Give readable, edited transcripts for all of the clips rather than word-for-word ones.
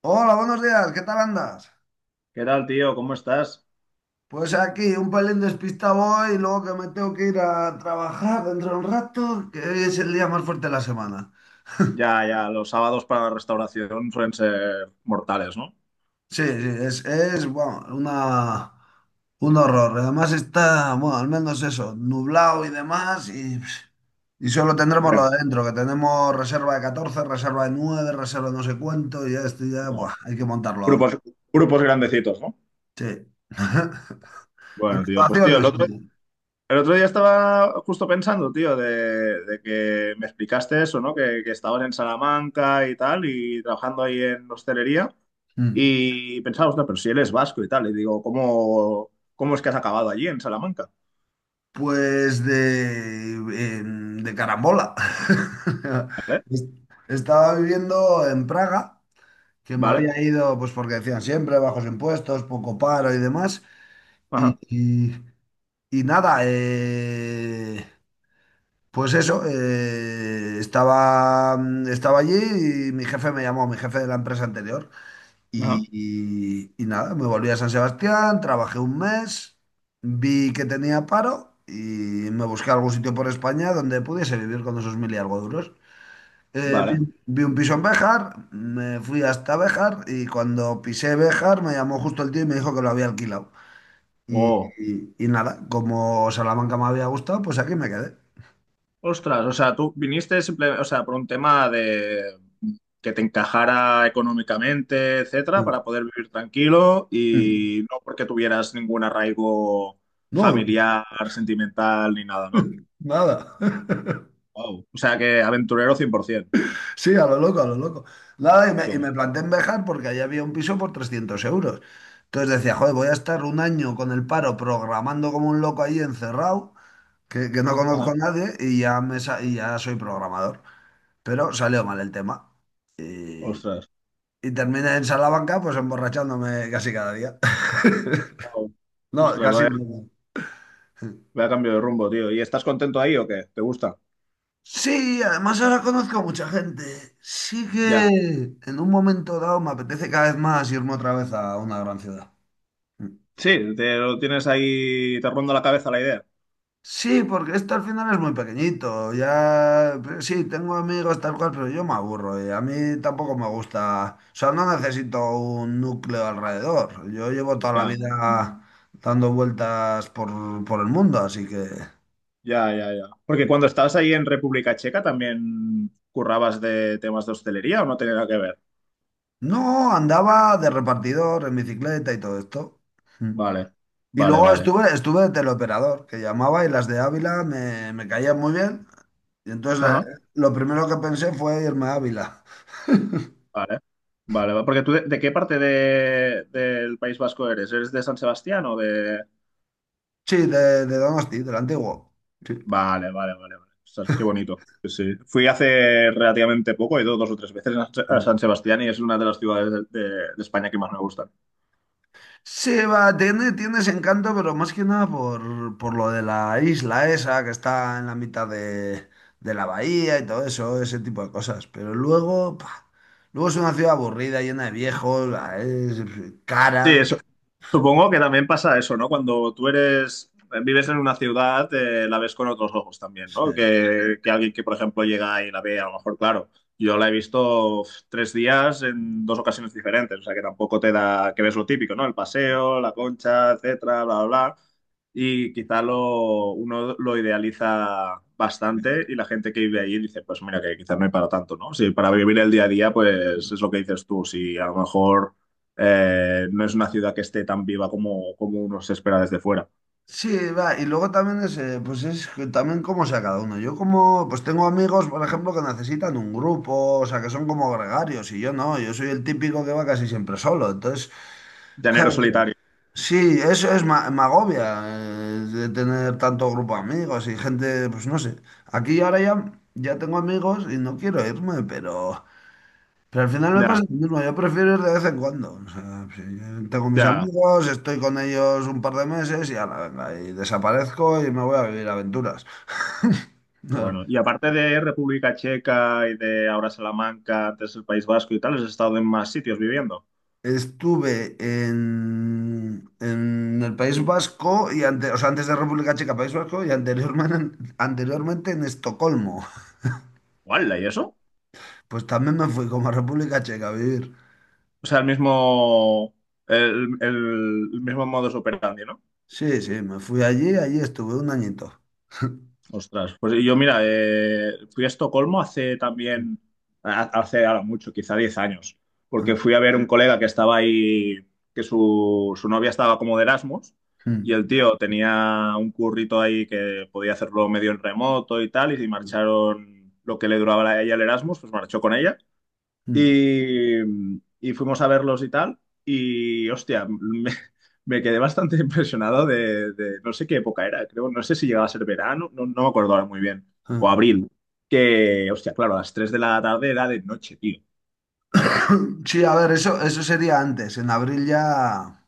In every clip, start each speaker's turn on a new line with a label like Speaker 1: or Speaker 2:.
Speaker 1: Hola, buenos días, ¿qué tal andas?
Speaker 2: ¿Qué tal, tío? ¿Cómo estás?
Speaker 1: Pues aquí, un pelín despistado hoy, luego que me tengo que ir a trabajar dentro de un rato, que hoy es el día más fuerte de la semana.
Speaker 2: Ya, ya, los sábados para la restauración suelen ser mortales, ¿no?
Speaker 1: Sí, sí, es bueno, un horror. Además está, bueno, al menos eso, nublado y demás, y solo tendremos lo
Speaker 2: Ya.
Speaker 1: de dentro, que tenemos reserva de 14, reserva de 9, reserva de no sé cuánto, y ya estoy ya, buah,
Speaker 2: Wow.
Speaker 1: hay que montarlo ahora.
Speaker 2: Grupos, grupos grandecitos, ¿no?
Speaker 1: Sí.
Speaker 2: Bueno, tío, pues tío,
Speaker 1: ¿Graduaciones? ¿No?
Speaker 2: el otro día estaba justo pensando, tío, de que me explicaste eso, ¿no? Que estabas en Salamanca y tal, y trabajando ahí en hostelería,
Speaker 1: Mm.
Speaker 2: y pensaba, no, pero si él es vasco y tal, y digo, ¿cómo es que has acabado allí en Salamanca?
Speaker 1: Pues de carambola.
Speaker 2: ¿Vale?
Speaker 1: Es- Estaba viviendo en Praga, que me
Speaker 2: ¿Vale?
Speaker 1: había ido, pues porque decían siempre bajos impuestos, poco paro y demás. Y,
Speaker 2: Ajá,
Speaker 1: y- y nada, pues eso, estaba allí y mi jefe me llamó, mi jefe de la empresa anterior.
Speaker 2: ajá,
Speaker 1: Y nada, me volví a San Sebastián, trabajé un mes, vi que tenía paro y me busqué algún sitio por España donde pudiese vivir con esos mil y algo duros. Eh, vi,
Speaker 2: vale.
Speaker 1: vi un piso en Béjar, me fui hasta Béjar y cuando pisé Béjar me llamó justo el tío y me dijo que lo había alquilado. Y,
Speaker 2: Oh.
Speaker 1: y nada, como Salamanca me había gustado, pues aquí me quedé.
Speaker 2: Ostras, o sea, tú viniste simple, o sea, por un tema de que te encajara económicamente, etcétera, para poder vivir tranquilo
Speaker 1: Mm.
Speaker 2: y no porque tuvieras ningún arraigo
Speaker 1: No,
Speaker 2: familiar, sentimental ni nada, ¿no?
Speaker 1: nada.
Speaker 2: Wow. O sea, que aventurero 100%.
Speaker 1: Sí, a lo loco, a lo loco. Nada, y me,
Speaker 2: Qué
Speaker 1: y me
Speaker 2: guay.
Speaker 1: planté en Bejar porque allá había un piso por 300 euros. Entonces decía, joder, voy a estar un año con el paro programando como un loco ahí encerrado, que no conozco
Speaker 2: Ajá.
Speaker 1: a nadie y ya soy programador. Pero salió mal el tema. Y,
Speaker 2: Ostras.
Speaker 1: y terminé en Salamanca pues emborrachándome casi cada día.
Speaker 2: Wow.
Speaker 1: No,
Speaker 2: Ostras,
Speaker 1: casi
Speaker 2: vaya,
Speaker 1: no.
Speaker 2: vaya cambio de rumbo, tío. ¿Y estás contento ahí o qué? ¿Te gusta?
Speaker 1: Sí, además ahora conozco a mucha gente. Sí que
Speaker 2: Ya.
Speaker 1: en un momento dado me apetece cada vez más irme otra vez a una gran ciudad.
Speaker 2: Sí, te lo tienes ahí, te ronda la cabeza la idea.
Speaker 1: Sí, porque esto al final es muy pequeñito. Ya, pero sí, tengo amigos tal cual, pero yo me aburro y a mí tampoco me gusta. O sea, no necesito un núcleo alrededor. Yo llevo toda la
Speaker 2: Ya.
Speaker 1: vida dando vueltas por el mundo, así que.
Speaker 2: Ya, ya, ya. Porque cuando estabas ahí en República Checa también currabas de temas de hostelería o no tenía nada que ver.
Speaker 1: No, andaba de repartidor en bicicleta y todo esto. Mm.
Speaker 2: Vale,
Speaker 1: Y
Speaker 2: vale,
Speaker 1: luego
Speaker 2: vale.
Speaker 1: estuve de teleoperador, que llamaba y las de Ávila me caían muy bien. Y entonces
Speaker 2: Ajá,
Speaker 1: lo primero que pensé fue irme a Ávila.
Speaker 2: vale. Porque tú de qué parte del País Vasco eres? ¿Eres de San Sebastián o de...?
Speaker 1: Sí, de Donosti, del antiguo. Sí.
Speaker 2: Vale, vale, vale, vale. Ostras, qué bonito. Sí, sí. Fui hace relativamente poco, he ido dos o tres veces a
Speaker 1: Mm.
Speaker 2: San Sebastián y es una de las ciudades de España que más me gustan.
Speaker 1: Sí, va, tiene ese encanto, pero más que nada por lo de la isla esa que está en la mitad de la bahía y todo eso, ese tipo de cosas. Pero luego es una ciudad aburrida, llena de viejos, es
Speaker 2: Sí,
Speaker 1: cara.
Speaker 2: eso. Supongo que también pasa eso, ¿no? Cuando tú eres, vives en una ciudad, la ves con otros ojos también,
Speaker 1: Sí.
Speaker 2: ¿no? Que alguien que, por ejemplo, llega y la ve, a lo mejor, claro, yo la he visto uf, tres días en dos ocasiones diferentes, o sea que tampoco te da, que ves lo típico, ¿no? El paseo, la concha, etcétera, bla, bla, bla. Y quizá uno lo idealiza
Speaker 1: Sí.
Speaker 2: bastante y la gente que vive allí dice, pues mira, que quizás no hay para tanto, ¿no? Sí, para vivir el día a día, pues es lo que dices tú, si a lo mejor no es una ciudad que esté tan viva como, como uno se espera desde fuera.
Speaker 1: Sí, va, y luego también es, pues es que también cómo sea cada uno. Yo como, pues tengo amigos, por ejemplo, que necesitan un grupo, o sea, que son como gregarios, y yo no, yo soy el típico que va casi siempre solo. Entonces,
Speaker 2: Llanero
Speaker 1: claro, sí.
Speaker 2: solitario.
Speaker 1: Sí, eso es me agobia, de tener tanto grupo de amigos y gente, pues no sé. Aquí ahora ya tengo amigos y no quiero irme, pero. Pero al final me pasa
Speaker 2: Ya,
Speaker 1: lo mismo, yo prefiero ir de vez en cuando. O sea, si tengo mis
Speaker 2: ya.
Speaker 1: amigos, estoy con ellos un par de meses y ala, venga, y desaparezco y me voy a vivir aventuras. No.
Speaker 2: Bueno, y aparte de República Checa y de ahora Salamanca, antes el País Vasco y tal, has estado en más sitios viviendo.
Speaker 1: Estuve en el País Vasco y o sea, antes de República Checa, País Vasco y anteriormente en Estocolmo.
Speaker 2: ¡Hala! ¿Y eso?
Speaker 1: Pues también me fui como a República Checa a vivir.
Speaker 2: O sea, el mismo modus operandi, ¿no?
Speaker 1: Sí, sí, me fui allí, allí estuve un añito.
Speaker 2: Ostras, pues yo mira, fui a Estocolmo hace
Speaker 1: Mm,
Speaker 2: también, hace ahora mucho, quizá 10 años, porque fui a ver un colega que estaba ahí, que su novia estaba como de Erasmus,
Speaker 1: mm,
Speaker 2: y
Speaker 1: mm,
Speaker 2: el tío tenía un currito ahí que podía hacerlo medio en remoto y tal, y si
Speaker 1: mm.
Speaker 2: marcharon lo que le duraba a ella el Erasmus, pues marchó con ella.
Speaker 1: Mm,
Speaker 2: Y, y fuimos a verlos y tal. Y hostia, me quedé bastante impresionado no sé qué época era, creo, no sé si llegaba a ser verano, no, no me acuerdo ahora muy bien, o
Speaker 1: mm.
Speaker 2: abril, que hostia, claro, a las 3 de la tarde era de noche, tío.
Speaker 1: Sí, a ver, eso sería antes. En abril ya,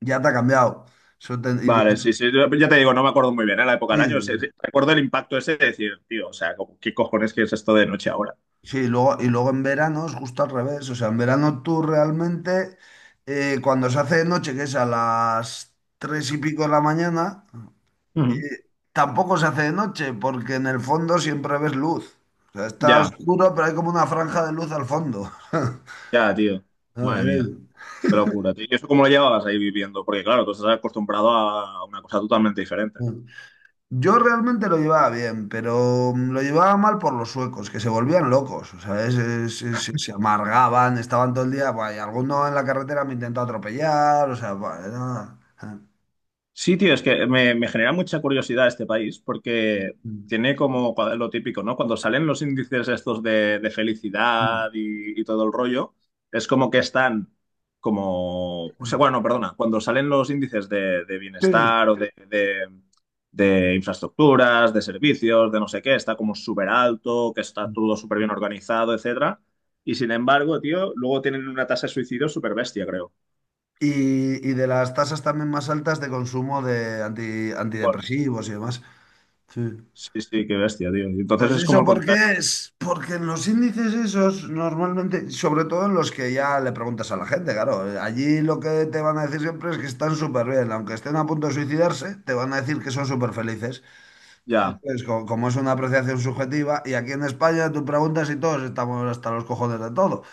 Speaker 1: ya te ha cambiado. Eso te- iría-
Speaker 2: Vale, sí, sí, ya te digo, no me acuerdo muy bien, ¿eh? La época del año, sí, sí,
Speaker 1: sí,
Speaker 2: recuerdo el impacto ese de decir, tío, o sea, como, ¿qué cojones que es esto de noche ahora?
Speaker 1: sí, y luego en verano es justo al revés. O sea, en verano tú realmente, cuando se hace de noche, que es a las tres y pico de la mañana, eh,
Speaker 2: Ujú.
Speaker 1: tampoco se hace de noche, porque en el fondo siempre ves luz. O sea, está
Speaker 2: Ya,
Speaker 1: oscuro, pero hay como una franja de luz al fondo.
Speaker 2: ya, tío,
Speaker 1: A
Speaker 2: madre
Speaker 1: ver.
Speaker 2: mía. Qué locura, tío. ¿Y eso cómo lo llevabas ahí viviendo? Porque claro, tú estás acostumbrado a una cosa totalmente diferente.
Speaker 1: eh. Yo realmente lo llevaba bien, pero lo llevaba mal por los suecos, que se volvían locos, o sea, se amargaban, estaban todo el día, buah, y alguno en la carretera me intentó atropellar, o sea, buah,
Speaker 2: Sí, tío, es que me genera mucha curiosidad este país porque tiene como lo típico, ¿no? Cuando salen los índices estos de felicidad y todo el rollo, es como que están como, o sea, bueno, perdona, cuando salen los índices de
Speaker 1: Sí.
Speaker 2: bienestar o de infraestructuras, de servicios, de no sé qué, está como súper alto, que está todo súper bien organizado, etcétera. Y sin embargo, tío, luego tienen una tasa de suicidio súper bestia, creo.
Speaker 1: Y de las tasas también más altas de consumo de antidepresivos y demás. Sí.
Speaker 2: Sí, sí, qué bestia, tío. Entonces
Speaker 1: Pues
Speaker 2: es como
Speaker 1: eso
Speaker 2: el contrario.
Speaker 1: porque en los índices esos normalmente, sobre todo en los que ya le preguntas a la gente, claro, allí lo que te van a decir siempre es que están súper bien, aunque estén a punto de suicidarse, te van a decir que son súper felices.
Speaker 2: Ya,
Speaker 1: Entonces, como, es una apreciación subjetiva, y aquí en España tú preguntas y todos estamos hasta los cojones de todo.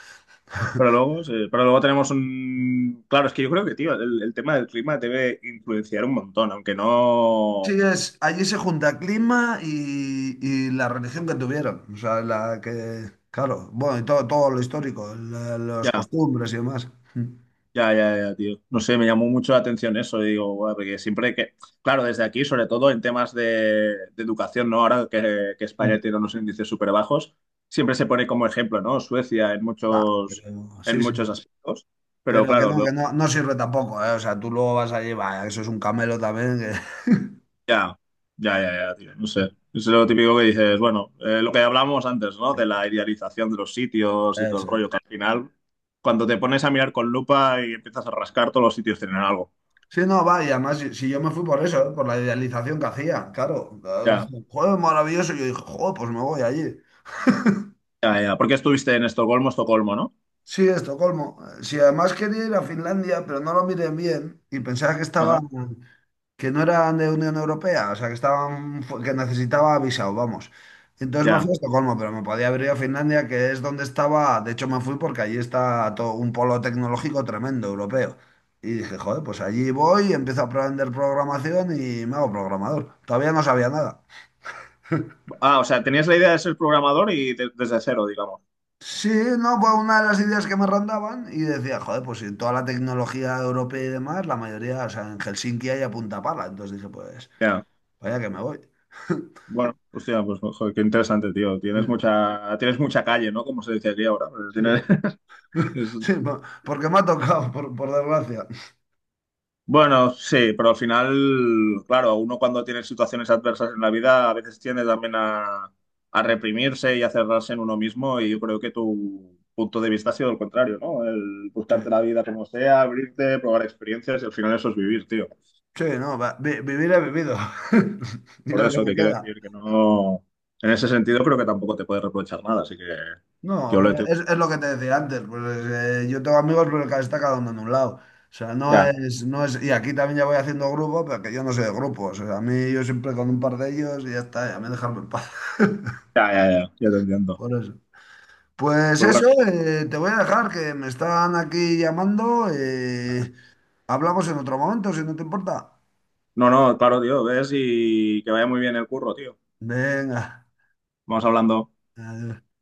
Speaker 2: pero luego, sí, pero luego tenemos un... Claro, es que yo creo que, tío, el tema del clima debe influenciar un montón, aunque
Speaker 1: Sí,
Speaker 2: no...
Speaker 1: allí se junta clima y la religión que tuvieron, o sea, la que, claro, bueno, y todo lo histórico, las
Speaker 2: Ya,
Speaker 1: costumbres y demás. Mm,
Speaker 2: ya, ya, ya, tío. No sé, me llamó mucho la atención eso, y digo, "Buah", porque siempre que... Claro, desde aquí, sobre todo en temas de educación, ¿no? Ahora que
Speaker 1: mm.
Speaker 2: España tiene unos índices súper bajos, siempre se pone como ejemplo, ¿no? Suecia
Speaker 1: Ah,
Speaker 2: en
Speaker 1: sí, sí.
Speaker 2: muchos aspectos, pero
Speaker 1: Pero
Speaker 2: claro,
Speaker 1: que no, no sirve tampoco, ¿eh? O sea, tú luego vas allí, va, eso es un camelo también.
Speaker 2: ya, ya, ya, ya, tío, no sé. Es lo típico que dices, bueno, lo que hablamos antes, ¿no? De la idealización de los sitios y todo el
Speaker 1: Eso
Speaker 2: rollo,
Speaker 1: es.
Speaker 2: que al final, cuando te pones a mirar con lupa y empiezas a rascar, todos los sitios tienen algo.
Speaker 1: Sí, no, va, y además, si yo me fui por eso, ¿eh? Por la idealización que hacía, claro.
Speaker 2: Ya,
Speaker 1: Dicen, joder, maravilloso. Yo dije, joder, pues me voy allí.
Speaker 2: ya, ya. Porque estuviste en Estocolmo, Estocolmo, ¿no?
Speaker 1: Sí, Estocolmo. Si además quería ir a Finlandia, pero no lo miré bien y pensaba que estaba.
Speaker 2: Ajá,
Speaker 1: Que no eran de Unión Europea, o sea, que estaban, que necesitaba visado, vamos. Entonces me fui a
Speaker 2: ya.
Speaker 1: Estocolmo, pero me podía haber ido a Finlandia, que es donde estaba, de hecho me fui porque allí está todo un polo tecnológico tremendo europeo. Y dije, joder, pues allí voy, empiezo a aprender programación y me hago programador. Todavía no sabía nada.
Speaker 2: Ah, o sea, tenías la idea de ser programador y desde cero, digamos.
Speaker 1: Sí, no, fue una de las ideas que me rondaban y decía, joder, pues si toda la tecnología europea y demás, la mayoría, o sea, en Helsinki hay a punta pala. Entonces dije, pues,
Speaker 2: Ya.
Speaker 1: vaya que me voy.
Speaker 2: Bueno, hostia, pues joder, qué interesante, tío.
Speaker 1: Sí,
Speaker 2: Tienes mucha calle, ¿no? Como se dice aquí ahora. Tienes,
Speaker 1: sí. Sí, porque me ha tocado, por desgracia.
Speaker 2: bueno, sí, pero al final, claro, uno cuando tiene situaciones adversas en la vida a veces tiende también a reprimirse y a cerrarse en uno mismo y yo creo que tu punto de vista ha sido el contrario, ¿no? El
Speaker 1: Sí,
Speaker 2: buscarte la vida como sea, abrirte, probar experiencias y al final eso es vivir, tío.
Speaker 1: sí, no, va, vivir he vivido. Y
Speaker 2: Por
Speaker 1: lo que
Speaker 2: eso
Speaker 1: me
Speaker 2: que quiero
Speaker 1: queda.
Speaker 2: decir que no, en ese sentido creo que tampoco te puedes reprochar nada, así que
Speaker 1: No, pero
Speaker 2: ole tú.
Speaker 1: es lo que te decía antes. Pues, yo tengo amigos, pero cada está cada uno en un lado. O sea, no
Speaker 2: Ya,
Speaker 1: es, no es. Y aquí también ya voy haciendo grupo, pero que yo no soy de grupos. O sea, a mí yo siempre con un par de ellos y ya está, ya me dejan en paz.
Speaker 2: ya, ya, ya, ya te entiendo.
Speaker 1: Por eso. Pues
Speaker 2: Pues bueno,
Speaker 1: eso,
Speaker 2: tío.
Speaker 1: te voy a dejar que me están aquí llamando. Hablamos en otro momento, si no te importa.
Speaker 2: No, no, claro, tío, ves y que vaya muy bien el curro, tío.
Speaker 1: Venga.
Speaker 2: Vamos hablando.
Speaker 1: Adiós.